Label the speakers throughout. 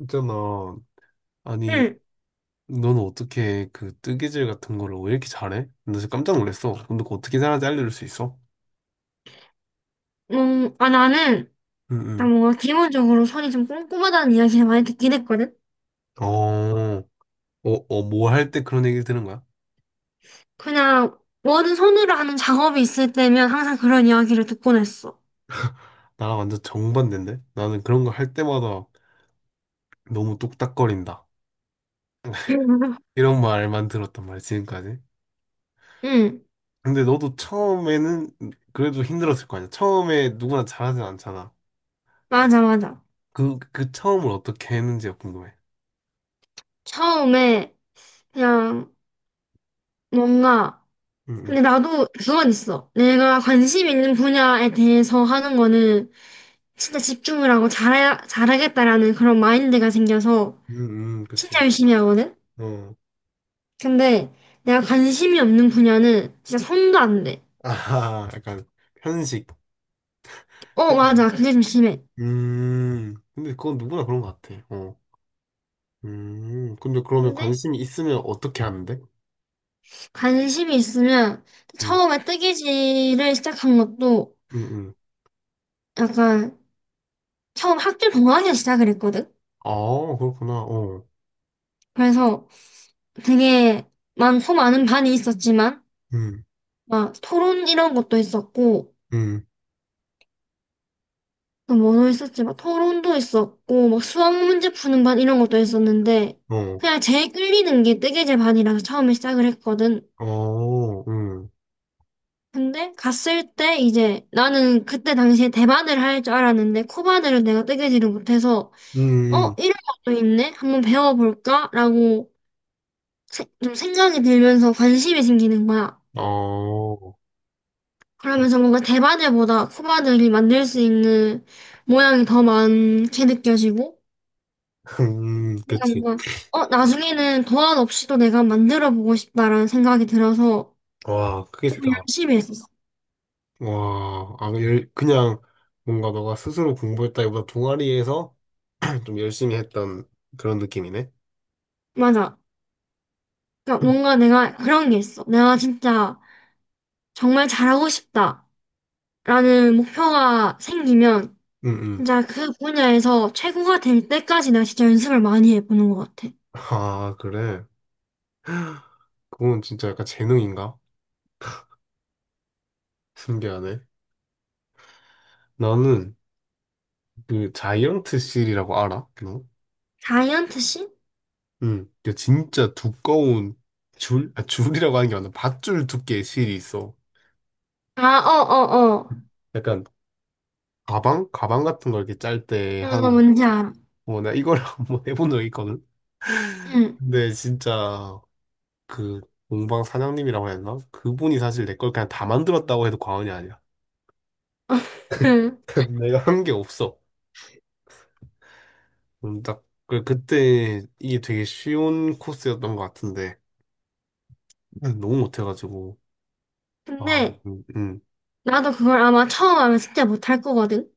Speaker 1: 있잖아. 아니,
Speaker 2: 응,
Speaker 1: 너는 어떻게 그 뜨개질 같은 거를 왜 이렇게 잘해? 나 진짜 깜짝 놀랐어. 근데 그거 어떻게 잘하는지 알려줄 수 있어?
Speaker 2: 아, 나는,
Speaker 1: 응,
Speaker 2: 일단
Speaker 1: 응.
Speaker 2: 뭔가 기본적으로 손이 좀 꼼꼼하다는 이야기를 많이 듣긴 했거든?
Speaker 1: 어, 어, 어, 뭐 할 때 그런 얘기를 들은 거야?
Speaker 2: 그냥, 뭐든 손으로 하는 작업이 있을 때면 항상 그런 이야기를 듣곤 했어.
Speaker 1: 나랑 완전 정반대인데? 나는 그런 거 할 때마다 너무 뚝딱거린다. 이런 말만 들었단 말이야, 지금까지.
Speaker 2: 응,
Speaker 1: 근데 너도 처음에는 그래도 힘들었을 거 아니야? 처음에 누구나 잘하진 않잖아.
Speaker 2: 맞아, 맞아.
Speaker 1: 그 처음을 어떻게 했는지가 궁금해.
Speaker 2: 처음에, 그냥, 뭔가,
Speaker 1: 응,
Speaker 2: 근데
Speaker 1: 응.
Speaker 2: 나도 그건 있어. 내가 관심 있는 분야에 대해서 하는 거는 진짜 집중을 하고 잘해, 잘하겠다라는 그런 마인드가 생겨서
Speaker 1: 응, 응,
Speaker 2: 진짜
Speaker 1: 그치.
Speaker 2: 열심히 하거든?
Speaker 1: 어.
Speaker 2: 근데, 내가 관심이 없는 분야는 진짜 손도 안 돼.
Speaker 1: 아하, 약간. 편식.
Speaker 2: 어, 맞아. 그게 좀 심해.
Speaker 1: 근데 그건 누구나 그런 것 같아. 어. 근데 그러면
Speaker 2: 근데
Speaker 1: 관심이 있으면 어떻게 하는데?
Speaker 2: 관심이 있으면
Speaker 1: 음,
Speaker 2: 처음에 뜨개질을 시작한 것도
Speaker 1: 음, 음.
Speaker 2: 약간 처음 학교 동아리에 시작을 했거든.
Speaker 1: 아, 그렇구나. 어,
Speaker 2: 그래서 되게 많고 많은 반이 있었지만
Speaker 1: 음,
Speaker 2: 막 토론 이런 것도 있었고
Speaker 1: 음,
Speaker 2: 또 뭐도 있었지, 막 토론도 있었고 막 수학 문제 푸는 반 이런 것도 있었는데
Speaker 1: 어,
Speaker 2: 그냥 제일 끌리는 게 뜨개질 반이라서 처음에 시작을 했거든.
Speaker 1: 어,
Speaker 2: 근데 갔을 때 이제 나는 그때 당시에 대바늘 할 줄 알았는데 코바늘은 내가 뜨개질을 못해서,
Speaker 1: 음,
Speaker 2: 어
Speaker 1: 음.
Speaker 2: 이런 것도 있네, 한번 배워볼까라고 좀 생각이 들면서 관심이 생기는 거야.
Speaker 1: 어,
Speaker 2: 그러면서 뭔가 대바늘보다 코바늘이 만들 수 있는 모양이 더 많게 느껴지고, 내가
Speaker 1: 그치.
Speaker 2: 뭔가 어 나중에는 도안 없이도 내가 만들어 보고 싶다라는 생각이 들어서
Speaker 1: 와, 그게
Speaker 2: 조금
Speaker 1: 대다.
Speaker 2: 열심히 했었어.
Speaker 1: 와, 아, 그냥 뭔가 너가 스스로 공부했다기보다 동아리에서 좀 열심히 했던 그런 느낌이네.
Speaker 2: 맞아. 그러니까 뭔가 내가 그런 게 있어. 내가 진짜 정말 잘하고 싶다라는 목표가 생기면
Speaker 1: 응 응.
Speaker 2: 진짜 그 분야에서 최고가 될 때까지 내가 진짜 연습을 많이 해보는 것 같아.
Speaker 1: 아, 그래. 그건 진짜 약간 재능인가? 신기하네. 나는 그 자이언트 실이라고 알아? 너?
Speaker 2: 다이언트 씬?
Speaker 1: 응. 그 진짜 두꺼운 줄, 아, 줄이라고 하는 게 맞나? 밧줄 두께의 실이 있어.
Speaker 2: 아, 어, 어, 어.
Speaker 1: 약간 가방? 가방 같은 걸 이렇게 짤 때
Speaker 2: 어, 나
Speaker 1: 하는 거.
Speaker 2: 뭔지 알아.
Speaker 1: 어, 나 이걸 한번 해본 적이 있거든?
Speaker 2: 응.
Speaker 1: 근데 진짜 그 공방 사장님이라고 해야 되나? 그분이 사실 내 걸 그냥 다 만들었다고 해도 과언이 아니야. 내가 한 게 없어. 딱. 그때 이게 되게 쉬운 코스였던 것 같은데 너무 못해가지고. 아,
Speaker 2: 근데
Speaker 1: 음, 음.
Speaker 2: 나도 그걸 아마 처음 하면 진짜 못할 거거든.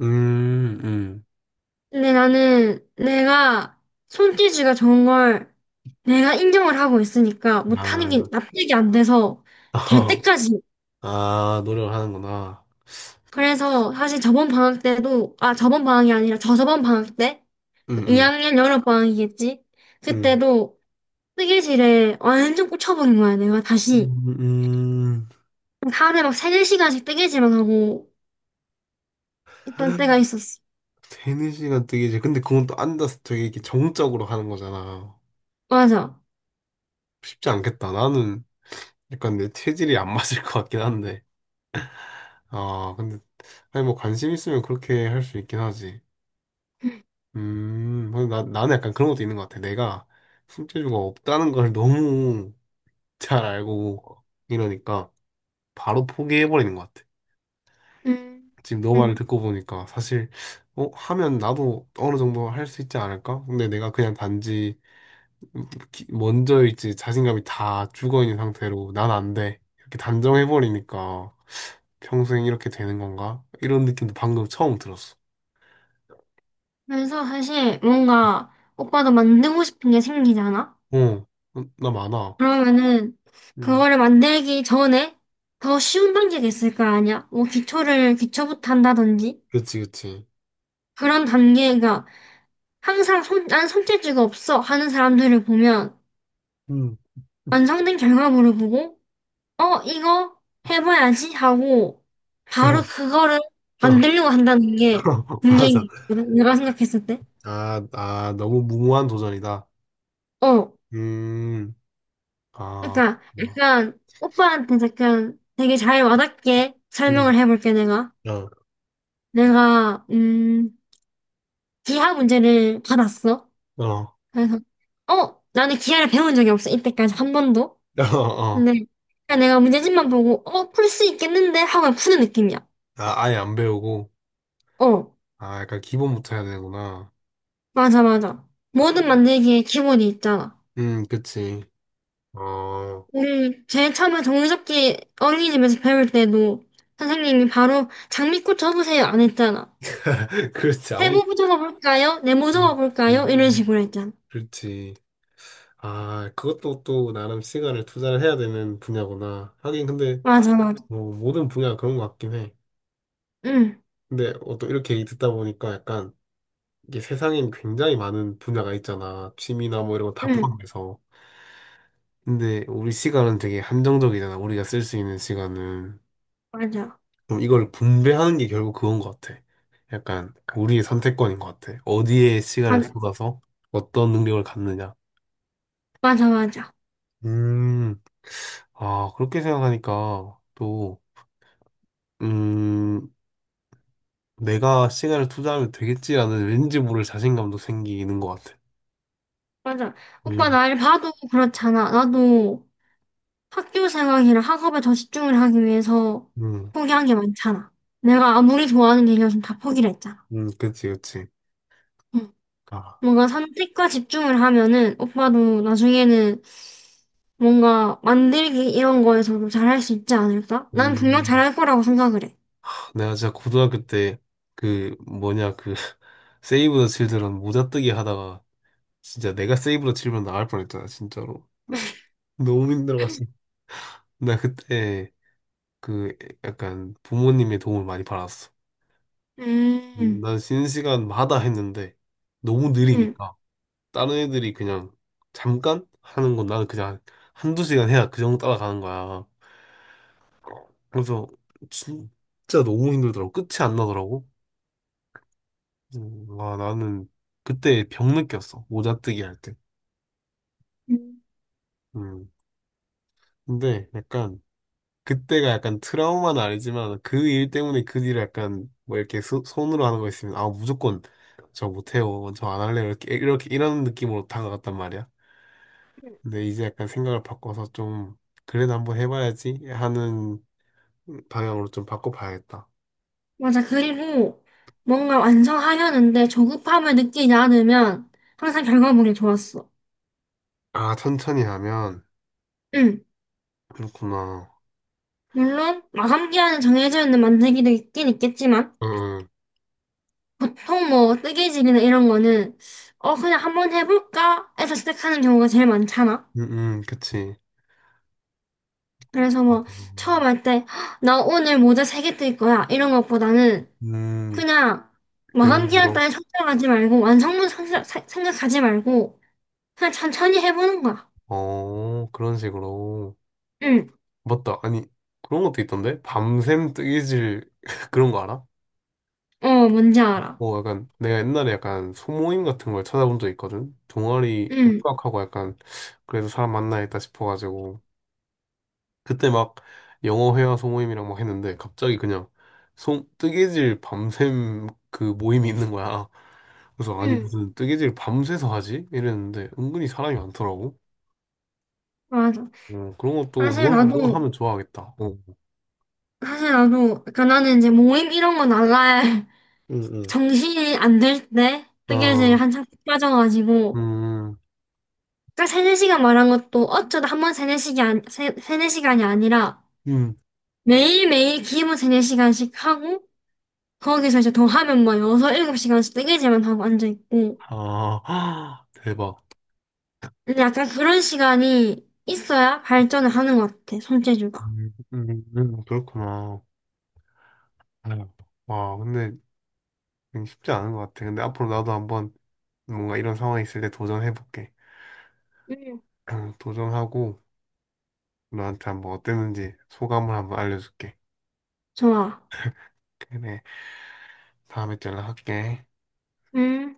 Speaker 1: 음, 음.
Speaker 2: 근데 나는 내가 손재주가 좋은 걸 내가 인정을 하고 있으니까 못하는 게
Speaker 1: 아,
Speaker 2: 납득이 안 돼서 될 때까지.
Speaker 1: 아, 노력을 하는구나.
Speaker 2: 그래서 사실 저번 방학 때도, 아, 저번 방학이 아니라 저저번 방학 때?
Speaker 1: 음, 음,
Speaker 2: 2학년 여름 방학이겠지?
Speaker 1: 음.
Speaker 2: 그때도 뜨개질에 완전 꽂혀버린 거야, 내가 다시.
Speaker 1: 음, 음.
Speaker 2: 하루에 막 3, 4시간씩 뜨개질만 하고 있던 때가 있었어.
Speaker 1: 되는 시간 되게, 근데 그건 또 앉아서 되게 이렇게 정적으로 하는 거잖아.
Speaker 2: 맞아.
Speaker 1: 쉽지 않겠다. 나는 약간 내 체질이 안 맞을 것 같긴 한데. 아, 근데, 아니, 뭐 관심 있으면 그렇게 할 수 있긴 하지. 근데 나는 약간 그런 것도 있는 것 같아. 내가 손재주가 없다는 걸 너무 잘 알고 이러니까 바로 포기해버리는 것 같아.
Speaker 2: 음,
Speaker 1: 지금 너 말을
Speaker 2: 음.
Speaker 1: 듣고 보니까 사실 하면 나도 어느 정도 할 수 있지 않을까? 근데 내가 그냥 단지 먼저일지 자신감이 다 죽어 있는 상태로 난 안 돼. 이렇게 단정해 버리니까 평생 이렇게 되는 건가? 이런 느낌도 방금 처음 들었어.
Speaker 2: 그래서 사실 뭔가 오빠도 만들고 싶은 게 생기잖아?
Speaker 1: 어, 어, 나 많아.
Speaker 2: 그러면은
Speaker 1: 음,
Speaker 2: 그거를 만들기 전에 더 쉬운 단계가 있을 거 아니야? 뭐 기초를, 기초부터 한다든지?
Speaker 1: 그렇지, 그렇지.
Speaker 2: 그런 단계가, 항상 손, 난 손재주가 없어 하는 사람들을 보면
Speaker 1: 음,
Speaker 2: 완성된 결과물을 보고 어, 이거 해봐야지 하고 바로
Speaker 1: 그럼.
Speaker 2: 그거를 만들려고 한다는 게 문제인
Speaker 1: 맞아.
Speaker 2: 것 같거든. 내가 생각했을 때.
Speaker 1: 아, 아, 너무 무모한 도전이다.
Speaker 2: 어,
Speaker 1: 음, 아,
Speaker 2: 그러니까
Speaker 1: 음,
Speaker 2: 약간 오빠한테 약간 되게 잘 와닿게 설명을 해볼게 내가.
Speaker 1: 어,
Speaker 2: 내가 기하 문제를 받았어.
Speaker 1: 어,
Speaker 2: 그래서 어, 나는 기하를 배운 적이 없어 이때까지 한 번도.
Speaker 1: 어, 어.
Speaker 2: 근데 그냥 내가 문제집만 보고 어, 풀 수 있겠는데 하고 그냥 푸는 느낌이야.
Speaker 1: 아, 아예 안 배우고,
Speaker 2: 어,
Speaker 1: 아, 약간 기본부터 해야 되는구나.
Speaker 2: 맞아, 맞아. 뭐든 만들기에 기본이 있잖아.
Speaker 1: 그치. 어,
Speaker 2: 우리 제일 처음에 종이접기 어린이집에서 배울 때도 선생님이 바로 장미꽃 접으세요 안 했잖아.
Speaker 1: 그렇지.
Speaker 2: 세모 접어볼까요? 네모
Speaker 1: 음,
Speaker 2: 접어볼까요? 이런
Speaker 1: 음,
Speaker 2: 식으로 했잖아.
Speaker 1: 그렇지. 아, 그것도 또 나름 시간을 투자를 해야 되는 분야구나. 하긴 근데,
Speaker 2: 맞아, 맞아.
Speaker 1: 뭐, 모든 분야가 그런 것 같긴 해.
Speaker 2: 응,
Speaker 1: 근데, 또 이렇게 얘기 듣다 보니까 약간, 이게 세상엔 굉장히 많은 분야가 있잖아. 취미나 뭐 이런 거 다
Speaker 2: 응,
Speaker 1: 포함해서. 근데, 우리 시간은 되게 한정적이잖아. 우리가 쓸 수 있는 시간은.
Speaker 2: 맞아.
Speaker 1: 그럼 이걸 분배하는 게 결국 그건 것 같아. 약간 우리의 선택권인 것 같아. 어디에 시간을
Speaker 2: 맞아,
Speaker 1: 쏟아서 어떤 능력을 갖느냐.
Speaker 2: 맞아, 맞아.
Speaker 1: 음, 아, 그렇게 생각하니까 또, 음, 내가 시간을 투자하면 되겠지라는 왠지 모를 자신감도 생기는 것 같아.
Speaker 2: 맞아. 오빠
Speaker 1: 음,
Speaker 2: 날 봐도 그렇잖아. 나도 학교 생활이랑 학업에 더 집중을 하기 위해서
Speaker 1: 음,
Speaker 2: 포기한 게 많잖아. 내가 아무리 좋아하는 일이어서 다 포기를 했잖아.
Speaker 1: 그치, 그치.
Speaker 2: 응.
Speaker 1: 아,
Speaker 2: 뭔가 선택과 집중을 하면은 오빠도 나중에는 뭔가 만들기 이런 거에서도 잘할 수 있지 않을까? 난 분명
Speaker 1: 음,
Speaker 2: 잘할 거라고 생각을 해.
Speaker 1: 내가 진짜 고등학교 때 그 뭐냐 그 세이브 더 칠드런 모자 뜨기 하다가 진짜 내가 세이브 더 칠드런 나갈 뻔했잖아, 진짜로. 너무 힘들어갔어. 나 그때 그 약간 부모님의 도움을 많이 받았어.
Speaker 2: 음,
Speaker 1: 난 쉬는 시간마다 했는데 너무
Speaker 2: 음,
Speaker 1: 느리니까 다른 애들이 그냥 잠깐 하는 건 나는 그냥 한두 시간 해야 그 정도 따라가는 거야. 그래서 진짜 너무 힘들더라고. 끝이 안 나더라고. 와 나는 그때 병 느꼈어. 모자 뜨기 할 때.
Speaker 2: 음.
Speaker 1: 음. 근데 약간 그때가 약간 트라우마는 아니지만 그 일 때문에 그 일을 약간 뭐 이렇게 손으로 하는 거 있으면 아 무조건 저 못해요 저 안 할래요 이렇게 이렇게 이런 느낌으로 다가갔단 말이야. 근데 이제 약간 생각을 바꿔서 좀 그래도 한번 해봐야지 하는 방향으로 좀 바꿔봐야겠다.
Speaker 2: 맞아. 그리고 뭔가 완성하려는데 조급함을 느끼지 않으면 항상 결과물이 좋았어.
Speaker 1: 아 천천히 하면
Speaker 2: 응.
Speaker 1: 그렇구나.
Speaker 2: 물론 마감기한은 정해져 있는 만들기도 있긴 있겠지만
Speaker 1: 응응
Speaker 2: 보통 뭐 뜨개질이나 이런 거는 어 그냥 한번 해볼까 해서 시작하는 경우가 제일 많잖아.
Speaker 1: 응응 그치.
Speaker 2: 그래서 뭐 처음 할 때 나 오늘 모자 3개 뜰 거야 이런 것보다는
Speaker 1: 음.
Speaker 2: 그냥 마감
Speaker 1: 되는
Speaker 2: 기한
Speaker 1: 대로.
Speaker 2: 따위 생각하지 말고 완성물 생각하지 말고 그냥 천천히 해보는 거야.
Speaker 1: 어, 그런 식으로.
Speaker 2: 응,
Speaker 1: 맞다. 아니, 그런 것도 있던데? 밤샘 뜨개질 그런 거 알아?
Speaker 2: 어 뭔지 알아.
Speaker 1: 뭐 약간 내가 옛날에 약간 소모임 같은 걸 찾아본 적 있거든? 동아리
Speaker 2: 응,
Speaker 1: 휴학하고 약간 그래서 사람 만나야겠다 싶어가지고 그때 막 영어 회화 소모임이랑 막 했는데 갑자기 그냥 뜨개질 밤샘 그 모임이 있는 거야. 그래서 아니
Speaker 2: 응,
Speaker 1: 무슨 뜨개질 밤새서 하지? 이랬는데 은근히 사람이 많더라고.
Speaker 2: 맞아.
Speaker 1: 어, 그런 것도
Speaker 2: 사실
Speaker 1: 넌,
Speaker 2: 나도
Speaker 1: 넌 하면 좋아하겠다. 어.
Speaker 2: 사실 나도. 그러니까 나는 이제 모임 이런 거 나갈
Speaker 1: 응, 응.
Speaker 2: 정신이 안 들 때 뜨개질
Speaker 1: 아,
Speaker 2: 한창 빠져가지고.
Speaker 1: 음,
Speaker 2: 딱 세네 시간 말한 것도 어쩌다 한 번 세네 시간, 세네 시간이 아니라
Speaker 1: 음,
Speaker 2: 매일매일 기본 세네 시간씩 하고 거기서 이제 더 하면 뭐 여섯, 일곱 시간씩 뜨개질만 하고 앉아있고.
Speaker 1: 아, 대박.
Speaker 2: 근데 약간 그런 시간이 있어야 발전을 하는 것 같아, 손재주가.
Speaker 1: 그렇구나. 아유, 와, 근데 쉽지 않은 것 같아. 근데 앞으로 나도 한번 뭔가 이런 상황이 있을 때 도전해볼게.
Speaker 2: 음.
Speaker 1: 도전하고 너한테 한번 어땠는지 소감을 한번 알려줄게.
Speaker 2: 좋아.
Speaker 1: 그래, 다음에 또 연락할게.
Speaker 2: 음.